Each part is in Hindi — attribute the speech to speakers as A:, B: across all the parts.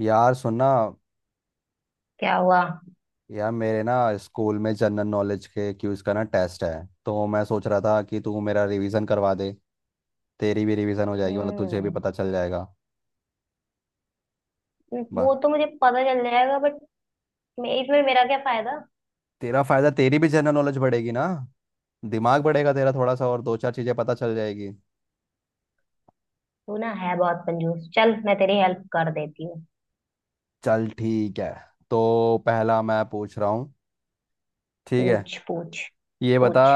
A: यार सुनना।
B: क्या हुआ।
A: यार मेरे ना स्कूल में जनरल नॉलेज के क्यूज का ना टेस्ट है, तो मैं सोच रहा था कि तू मेरा रिवीजन करवा दे। तेरी भी रिवीजन हो जाएगी, मतलब तुझे भी
B: हम्म।
A: पता चल जाएगा। बस।
B: वो तो मुझे पता चल जाएगा बट मैं इसमें, मेरा क्या फायदा।
A: तेरा फायदा, तेरी भी जनरल नॉलेज बढ़ेगी ना। दिमाग बढ़ेगा तेरा थोड़ा सा, और दो चार चीजें पता चल जाएगी।
B: तू ना है बहुत कंजूस। चल मैं तेरी हेल्प कर देती हूँ।
A: चल ठीक है, तो पहला मैं पूछ रहा हूँ। ठीक है,
B: पूछ पूछ
A: ये बता।
B: पूछ।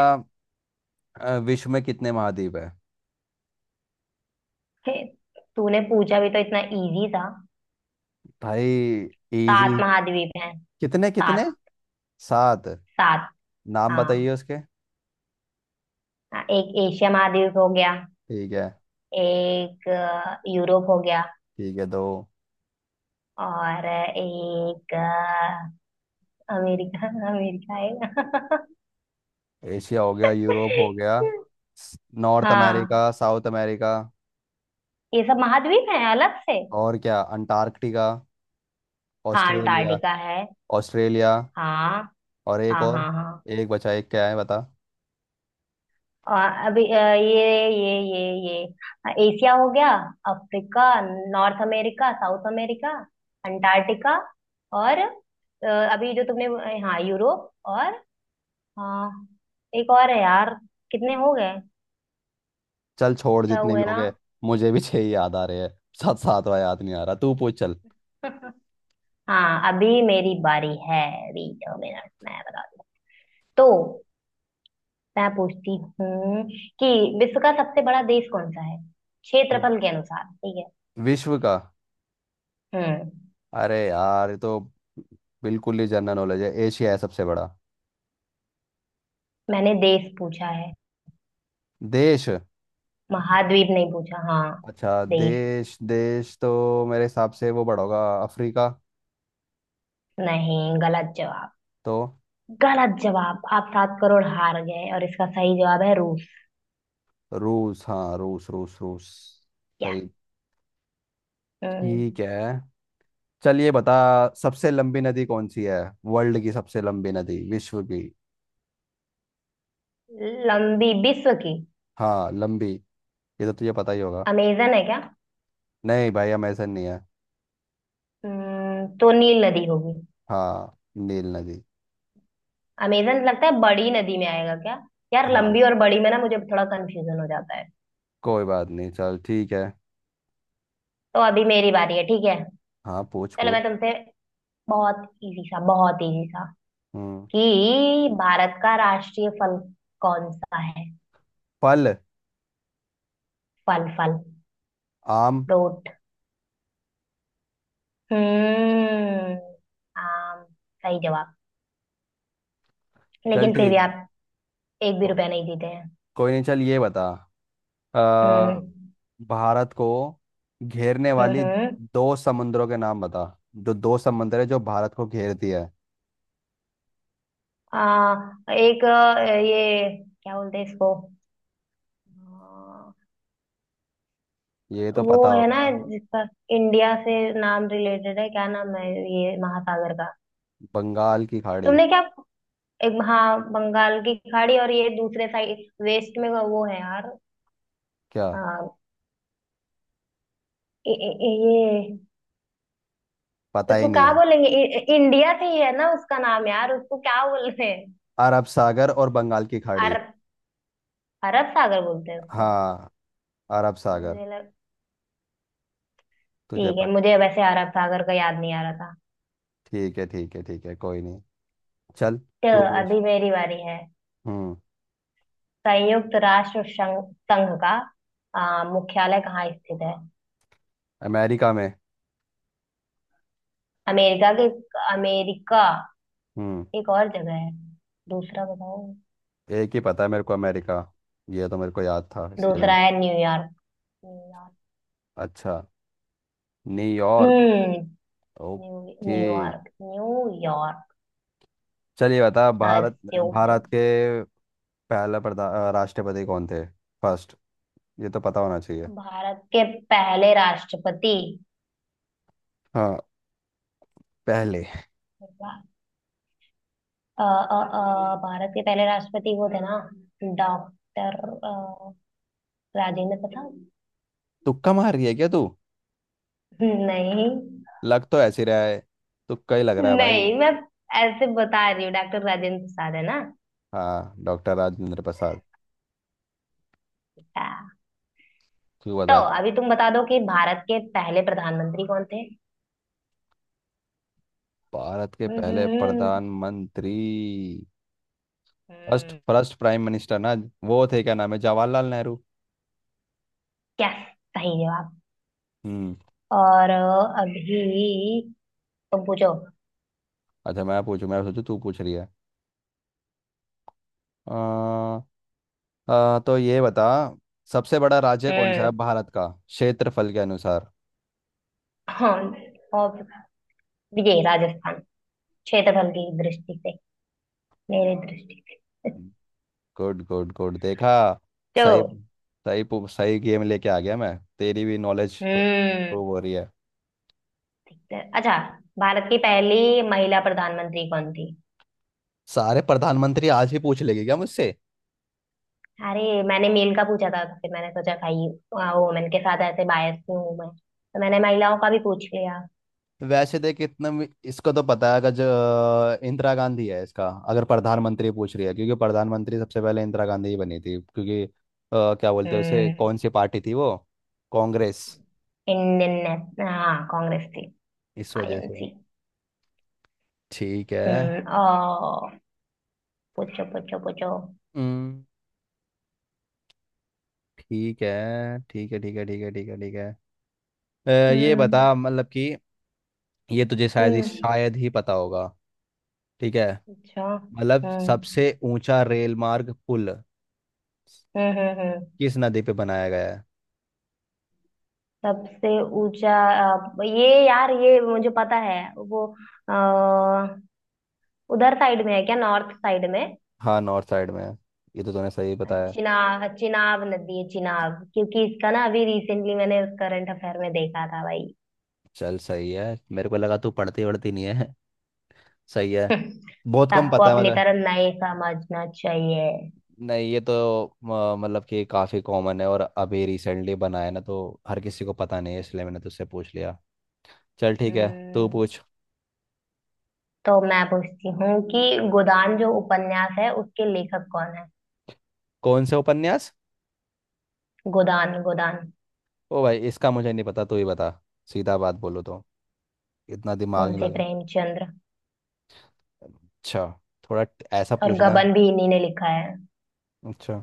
A: विश्व में कितने महाद्वीप है।
B: हे, तूने पूछा भी तो इतना इजी था।
A: भाई, इजी।
B: सात महाद्वीप हैं।
A: कितने कितने।
B: सात।
A: सात।
B: सात।
A: नाम
B: हाँ।
A: बताइए उसके।
B: हाँ, एक एशिया महाद्वीप हो गया।
A: ठीक है।
B: एक यूरोप हो गया।
A: ठीक है तो
B: और एक अमेरिका अमेरिका है।
A: एशिया हो गया, यूरोप हो गया, नॉर्थ
B: हाँ,
A: अमेरिका, साउथ अमेरिका,
B: ये सब महाद्वीप हैं अलग से।
A: और क्या अंटार्कटिका,
B: हाँ,
A: ऑस्ट्रेलिया।
B: अंटार्कटिका है।
A: ऑस्ट्रेलिया।
B: हाँ
A: और एक
B: हाँ
A: और।
B: हाँ। हाँ।
A: एक बचा, एक क्या है बता।
B: और अभी ये एशिया हो गया। Africa. North America, south America, Antarctica. और अभी जो तुमने हाँ यूरोप। और हाँ, एक और है यार। कितने हो गए।
A: चल छोड़,
B: छह
A: जितने भी
B: हुए
A: हो
B: ना।
A: गए। मुझे भी छह ही याद आ रहे हैं। साथ सातवां याद नहीं आ रहा, तू पूछ चल।
B: हाँ अभी मेरी बारी है। अभी 2 मिनट मैं बता दूँ। तो मैं पूछती हूँ कि विश्व का सबसे बड़ा देश कौन सा है,
A: हम्म।
B: क्षेत्रफल के अनुसार। ठीक है।
A: विश्व का।
B: हम्म।
A: अरे यार, ये तो बिल्कुल ही जनरल नॉलेज है, एशिया है सबसे बड़ा।
B: मैंने देश पूछा है,
A: देश?
B: महाद्वीप नहीं पूछा। हाँ,
A: अच्छा,
B: देश।
A: देश देश तो मेरे हिसाब से वो बड़ा होगा, अफ्रीका।
B: नहीं, गलत जवाब।
A: तो?
B: गलत जवाब। आप 7 करोड़ हार गए और इसका सही जवाब है रूस।
A: रूस, हाँ रूस रूस रूस।
B: क्या।
A: सही।
B: हम्म,
A: ठीक है, चलिए बता। सबसे लंबी नदी कौन सी है? वर्ल्ड की सबसे लंबी नदी, विश्व की।
B: लंबी विश्व की।
A: हाँ लंबी। ये तो तुझे पता ही होगा।
B: अमेजन है क्या।
A: नहीं भाई, अमेजन नहीं है।
B: तो नील नदी होगी।
A: हाँ, नील नदी।
B: अमेजन लगता है बड़ी नदी में आएगा क्या। यार
A: हाँ,
B: लंबी और बड़ी में ना मुझे थोड़ा कंफ्यूजन हो जाता है।
A: कोई बात नहीं, चल ठीक है।
B: तो अभी मेरी बारी है। ठीक है।
A: हाँ पूछ
B: चलो
A: पूछ।
B: मैं तुमसे बहुत इजी सा, बहुत इजी सा,
A: हम्म।
B: कि भारत का राष्ट्रीय फल कौन सा है।
A: फल।
B: फल फल।
A: आम।
B: फ्रूट। हम्म। आम। सही जवाब।
A: चल
B: लेकिन फिर
A: ठीक
B: भी
A: है।
B: आप एक भी
A: को-
B: रुपया नहीं जीते हैं।
A: कोई नहीं, चल ये बता। आ,
B: हम्म।
A: भारत को घेरने वाली
B: हम्म।
A: दो समुद्रों के नाम बता। जो दो समुद्र है जो भारत को घेरती है।
B: आ, एक ये क्या बोलते हैं इसको। अ,
A: ये तो
B: वो
A: पता
B: है
A: होगा।
B: ना, जिसका इंडिया से नाम रिलेटेड है। क्या नाम है ये महासागर का।
A: बंगाल की खाड़ी।
B: तुमने क्या। एक हाँ, बंगाल की खाड़ी। और ये दूसरे साइड वेस्ट में वो है यार।
A: क्या?
B: अ, ए, ए, ए- ये
A: पता ही
B: उसको
A: नहीं
B: क्या
A: है?
B: बोलेंगे। इंडिया से ही है ना उसका नाम यार। उसको क्या बोलते हैं।
A: अरब सागर और बंगाल की खाड़ी।
B: अरब। अरब सागर बोलते हैं उसको।
A: हाँ, अरब सागर।
B: मुझे लग,
A: तुझे
B: ठीक है,
A: पता?
B: मुझे वैसे अरब सागर का याद नहीं आ रहा था।
A: ठीक है ठीक है ठीक है, कोई नहीं। चल
B: तो
A: तू पूछ।
B: अभी मेरी बारी है।
A: हम्म।
B: संयुक्त राष्ट्र संघ, संघ का मुख्यालय कहाँ स्थित है।
A: अमेरिका में।
B: अमेरिका के, अमेरिका।
A: हम्म।
B: एक और जगह है, दूसरा बताओ।
A: एक ही पता है मेरे को, अमेरिका। ये तो मेरे को याद था इसलिए
B: दूसरा
A: मैंने।
B: है न्यूयॉर्क। न्यूयॉर्क।
A: अच्छा, न्यूयॉर्क।
B: हम्म। New
A: okay.
B: न्यूयॉर्क।
A: चलिए बता, भारत भारत
B: न्यूयॉर्क।
A: के पहला राष्ट्रपति कौन थे? फर्स्ट। ये तो पता होना चाहिए।
B: भारत के पहले राष्ट्रपति।
A: हाँ पहले।
B: अ, भारत के पहले राष्ट्रपति वो थे ना, डॉक्टर राजेंद्र प्रसाद।
A: तुक्का मार रही है क्या तू?
B: नहीं।
A: लग तो ऐसे रहा है, तुक्का ही लग रहा है भाई।
B: नहीं मैं ऐसे बता रही हूँ, डॉक्टर राजेंद्र प्रसाद है ना।
A: हाँ, डॉक्टर राजेंद्र प्रसाद।
B: अच्छा।
A: तू
B: तो
A: बता चल।
B: अभी तुम बता दो कि भारत के पहले प्रधानमंत्री कौन थे।
A: भारत के पहले
B: हम्म।
A: प्रधानमंत्री। फर्स्ट
B: हम्म।
A: फर्स्ट प्राइम मिनिस्टर ना, वो थे क्या नाम है, जवाहरलाल नेहरू।
B: क्या, सही जवाब।
A: हम्म।
B: और अभी तुम पूछो।
A: अच्छा, मैं पूछू, मैं सोचू तू पूछ रही है। आ, आ, तो ये बता, सबसे बड़ा राज्य कौन सा
B: हम्म।
A: है भारत का क्षेत्रफल के अनुसार?
B: हाँ। और ये राजस्थान, क्षेत्रफल की दृष्टि से, मेरी दृष्टि से।
A: गुड गुड गुड, देखा।
B: तो,
A: सही। सही गेम लेके आ गया, मैं तेरी भी नॉलेज थोड़ी
B: हम्म,
A: इम्प्रूव हो रही है।
B: ठीक है। अच्छा, भारत की पहली महिला प्रधानमंत्री कौन थी।
A: सारे प्रधानमंत्री आज भी पूछ लेगी क्या मुझसे?
B: अरे मैंने मेल का पूछा था तो फिर मैंने सोचा भाई, वुमेन के साथ ऐसे बायस क्यों हूं मैं, तो मैंने महिलाओं का भी पूछ लिया।
A: वैसे देख, इसको तो पता है अगर, जो इंदिरा गांधी है, इसका अगर प्रधानमंत्री पूछ रही है, क्योंकि प्रधानमंत्री सबसे पहले इंदिरा गांधी ही बनी थी, क्योंकि क्या बोलते हैं उसे,
B: हम्म।
A: कौन सी पार्टी थी वो, कांग्रेस,
B: इंडियन नेशनल, हाँ कांग्रेस थी।
A: इस वजह से।
B: आईएनसी।
A: ठीक है।
B: ओ, पूछो पूछो पूछो।
A: हम्म। ठीक है ठीक है ठीक है ठीक है ठीक है ठीक है। अ, ये
B: हम्म।
A: बता मतलब कि, ये तुझे
B: हम्म।
A: शायद ही पता होगा। ठीक है।
B: अच्छा।
A: मतलब
B: हम्म।
A: सबसे ऊंचा रेल मार्ग पुल
B: हम्म। हम्म।
A: किस नदी पे बनाया गया है?
B: सबसे ऊंचा ये यार ये मुझे पता है वो। अ, उधर साइड में है क्या, नॉर्थ साइड में।
A: हाँ, नॉर्थ साइड में है। ये तो तूने सही बताया।
B: चिनाब चिनाब नदी है, चिनाब, क्योंकि इसका ना अभी रिसेंटली मैंने करंट अफेयर में देखा था भाई।
A: चल सही है, मेरे को लगा तू पढ़ती वढ़ती नहीं है। सही है। बहुत कम
B: सबको
A: पता है
B: अपनी
A: मतलब।
B: तरह नहीं समझना चाहिए।
A: नहीं, ये तो मतलब कि काफ़ी कॉमन है, और अभी रिसेंटली बनाया है ना, तो हर किसी को पता नहीं है, इसलिए मैंने तुझसे पूछ लिया। चल ठीक है, तू
B: हम्म,
A: पूछ।
B: तो मैं पूछती हूँ कि गोदान जो उपन्यास है उसके लेखक कौन है।
A: कौन से उपन्यास?
B: गोदान गोदान।
A: ओ भाई, इसका मुझे नहीं पता, तू ही बता। सीधा बात बोलो तो, इतना दिमाग नहीं
B: मुंशी
A: लगा।
B: प्रेमचंद्र।
A: अच्छा। ऐसा
B: और
A: पूछना है।
B: गबन भी इन्हीं ने लिखा है।
A: अच्छा।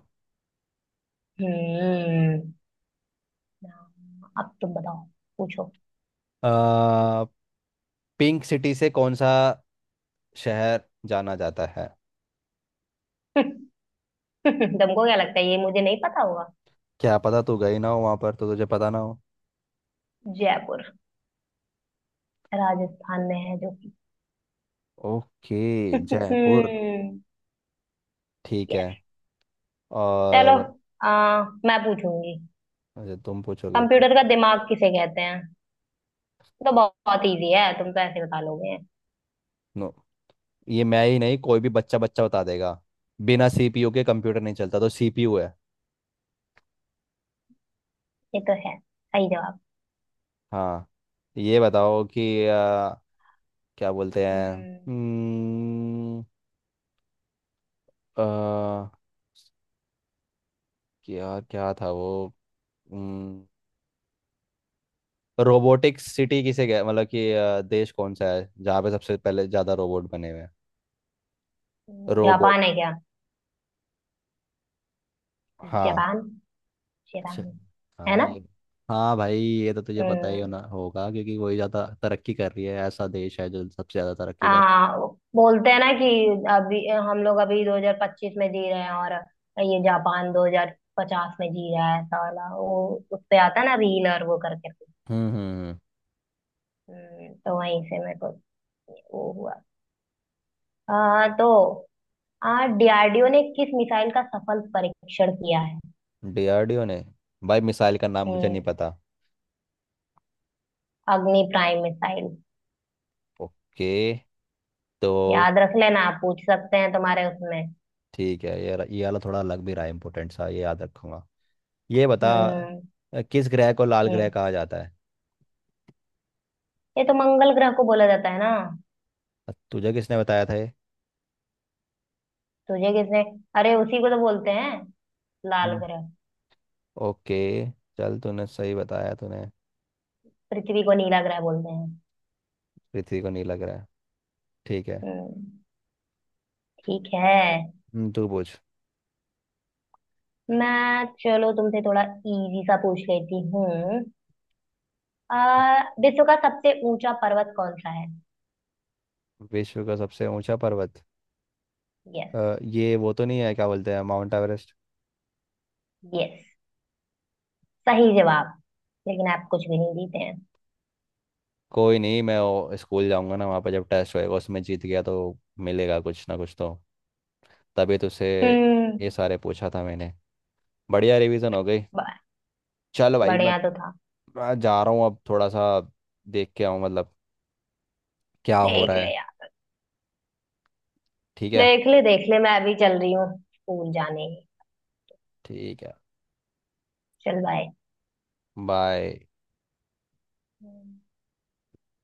B: हम्म। हाँ, अब तुम बताओ, पूछो।
A: आ, पिंक सिटी से कौन सा शहर जाना जाता है?
B: तुमको क्या लगता है ये मुझे नहीं पता होगा।
A: क्या पता, तू गई ना हो वहां पर तो तुझे पता ना हो।
B: जयपुर, राजस्थान में है जो कि
A: ओके, जयपुर। ठीक है।
B: यस। चलो
A: और?
B: मैं पूछूंगी।
A: अच्छा, तुम पूछोगे फिर।
B: कंप्यूटर का दिमाग किसे कहते हैं। ये तो बहुत इजी है, तुम तो ऐसे बता लोगे।
A: नो, ये मैं ही नहीं, कोई भी बच्चा बच्चा बता देगा। बिना सीपीयू के कंप्यूटर नहीं चलता, तो सीपीयू है।
B: ये तो है सही जवाब।
A: हाँ, ये बताओ कि क्या बोलते हैं,
B: हम्म,
A: अ, क्या क्या था वो। हम्म, रोबोटिक सिटी किसे गया, मतलब कि देश कौन सा है जहाँ पे सबसे पहले ज़्यादा रोबोट बने हुए हैं, रोबोट।
B: जापान है क्या।
A: हाँ।
B: जापान।
A: अच्छा,
B: जापान। है
A: हाँ
B: ना।
A: ये। हाँ भाई, ये तो तुझे पता ही
B: हम्म,
A: होना होगा, क्योंकि वही ज़्यादा तरक्की कर रही है, ऐसा देश है जो सबसे ज़्यादा तरक्की
B: आ,
A: कर।
B: बोलते हैं ना कि अभी हम लोग अभी 2025 में जी रहे हैं, और ये जापान 2050 में जी रहा है साला वो। उस पे आता है ना रीलर वो करके।
A: हम्म।
B: तो वहीं से मेरे को वो हुआ। आ, तो आ डीआरडीओ ने किस मिसाइल का सफल परीक्षण किया है।
A: डीआरडीओ ने? भाई, मिसाइल का नाम मुझे नहीं
B: हम्म,
A: पता।
B: Agni prime missile.
A: ओके, तो
B: याद रख लेना आप पूछ सकते हैं तुम्हारे उसमें।
A: ठीक है। ये वाला थोड़ा अलग भी रहा है, इम्पोर्टेंट सा, ये याद रखूंगा। ये बता,
B: हम्म।
A: किस ग्रह को लाल ग्रह
B: हम्म।
A: कहा जाता है?
B: ये तो मंगल ग्रह को बोला जाता है ना।
A: तुझे किसने बताया था ये?
B: तुझे किसने। अरे उसी को तो बोलते हैं लाल
A: हम्म,
B: ग्रह।
A: ओके। चल तूने सही बताया, तूने।
B: पृथ्वी को नीला ग्रह बोलते हैं।
A: पृथ्वी को नीला ग्रह। ठीक है।
B: हम्म, ठीक है।
A: तू पूछ।
B: मैं चलो तुमसे थोड़ा इजी सा पूछ लेती हूँ। विश्व का सबसे ऊंचा पर्वत कौन सा है।
A: विश्व का सबसे ऊंचा पर्वत।
B: यस।
A: ये, वो तो नहीं है क्या बोलते हैं, माउंट एवरेस्ट।
B: यस, सही जवाब, लेकिन आप कुछ भी नहीं जीते हैं।
A: कोई नहीं, मैं वो स्कूल जाऊंगा ना, वहाँ पर जब टेस्ट होएगा, उसमें जीत गया तो मिलेगा कुछ ना कुछ तो। तभी तुझसे
B: हम्म।
A: ये सारे पूछा था मैंने। बढ़िया रिवीजन हो गई।
B: ब-
A: चल भाई,
B: बढ़िया तो था।
A: मैं जा रहा हूँ अब, थोड़ा सा देख के आऊँ, मतलब क्या हो
B: देख
A: रहा है।
B: ले यार।
A: ठीक है।
B: देख ले देख ले, मैं अभी चल रही हूँ स्कूल जाने।
A: ठीक है,
B: चल बाय।
A: बाय।
B: हम्म।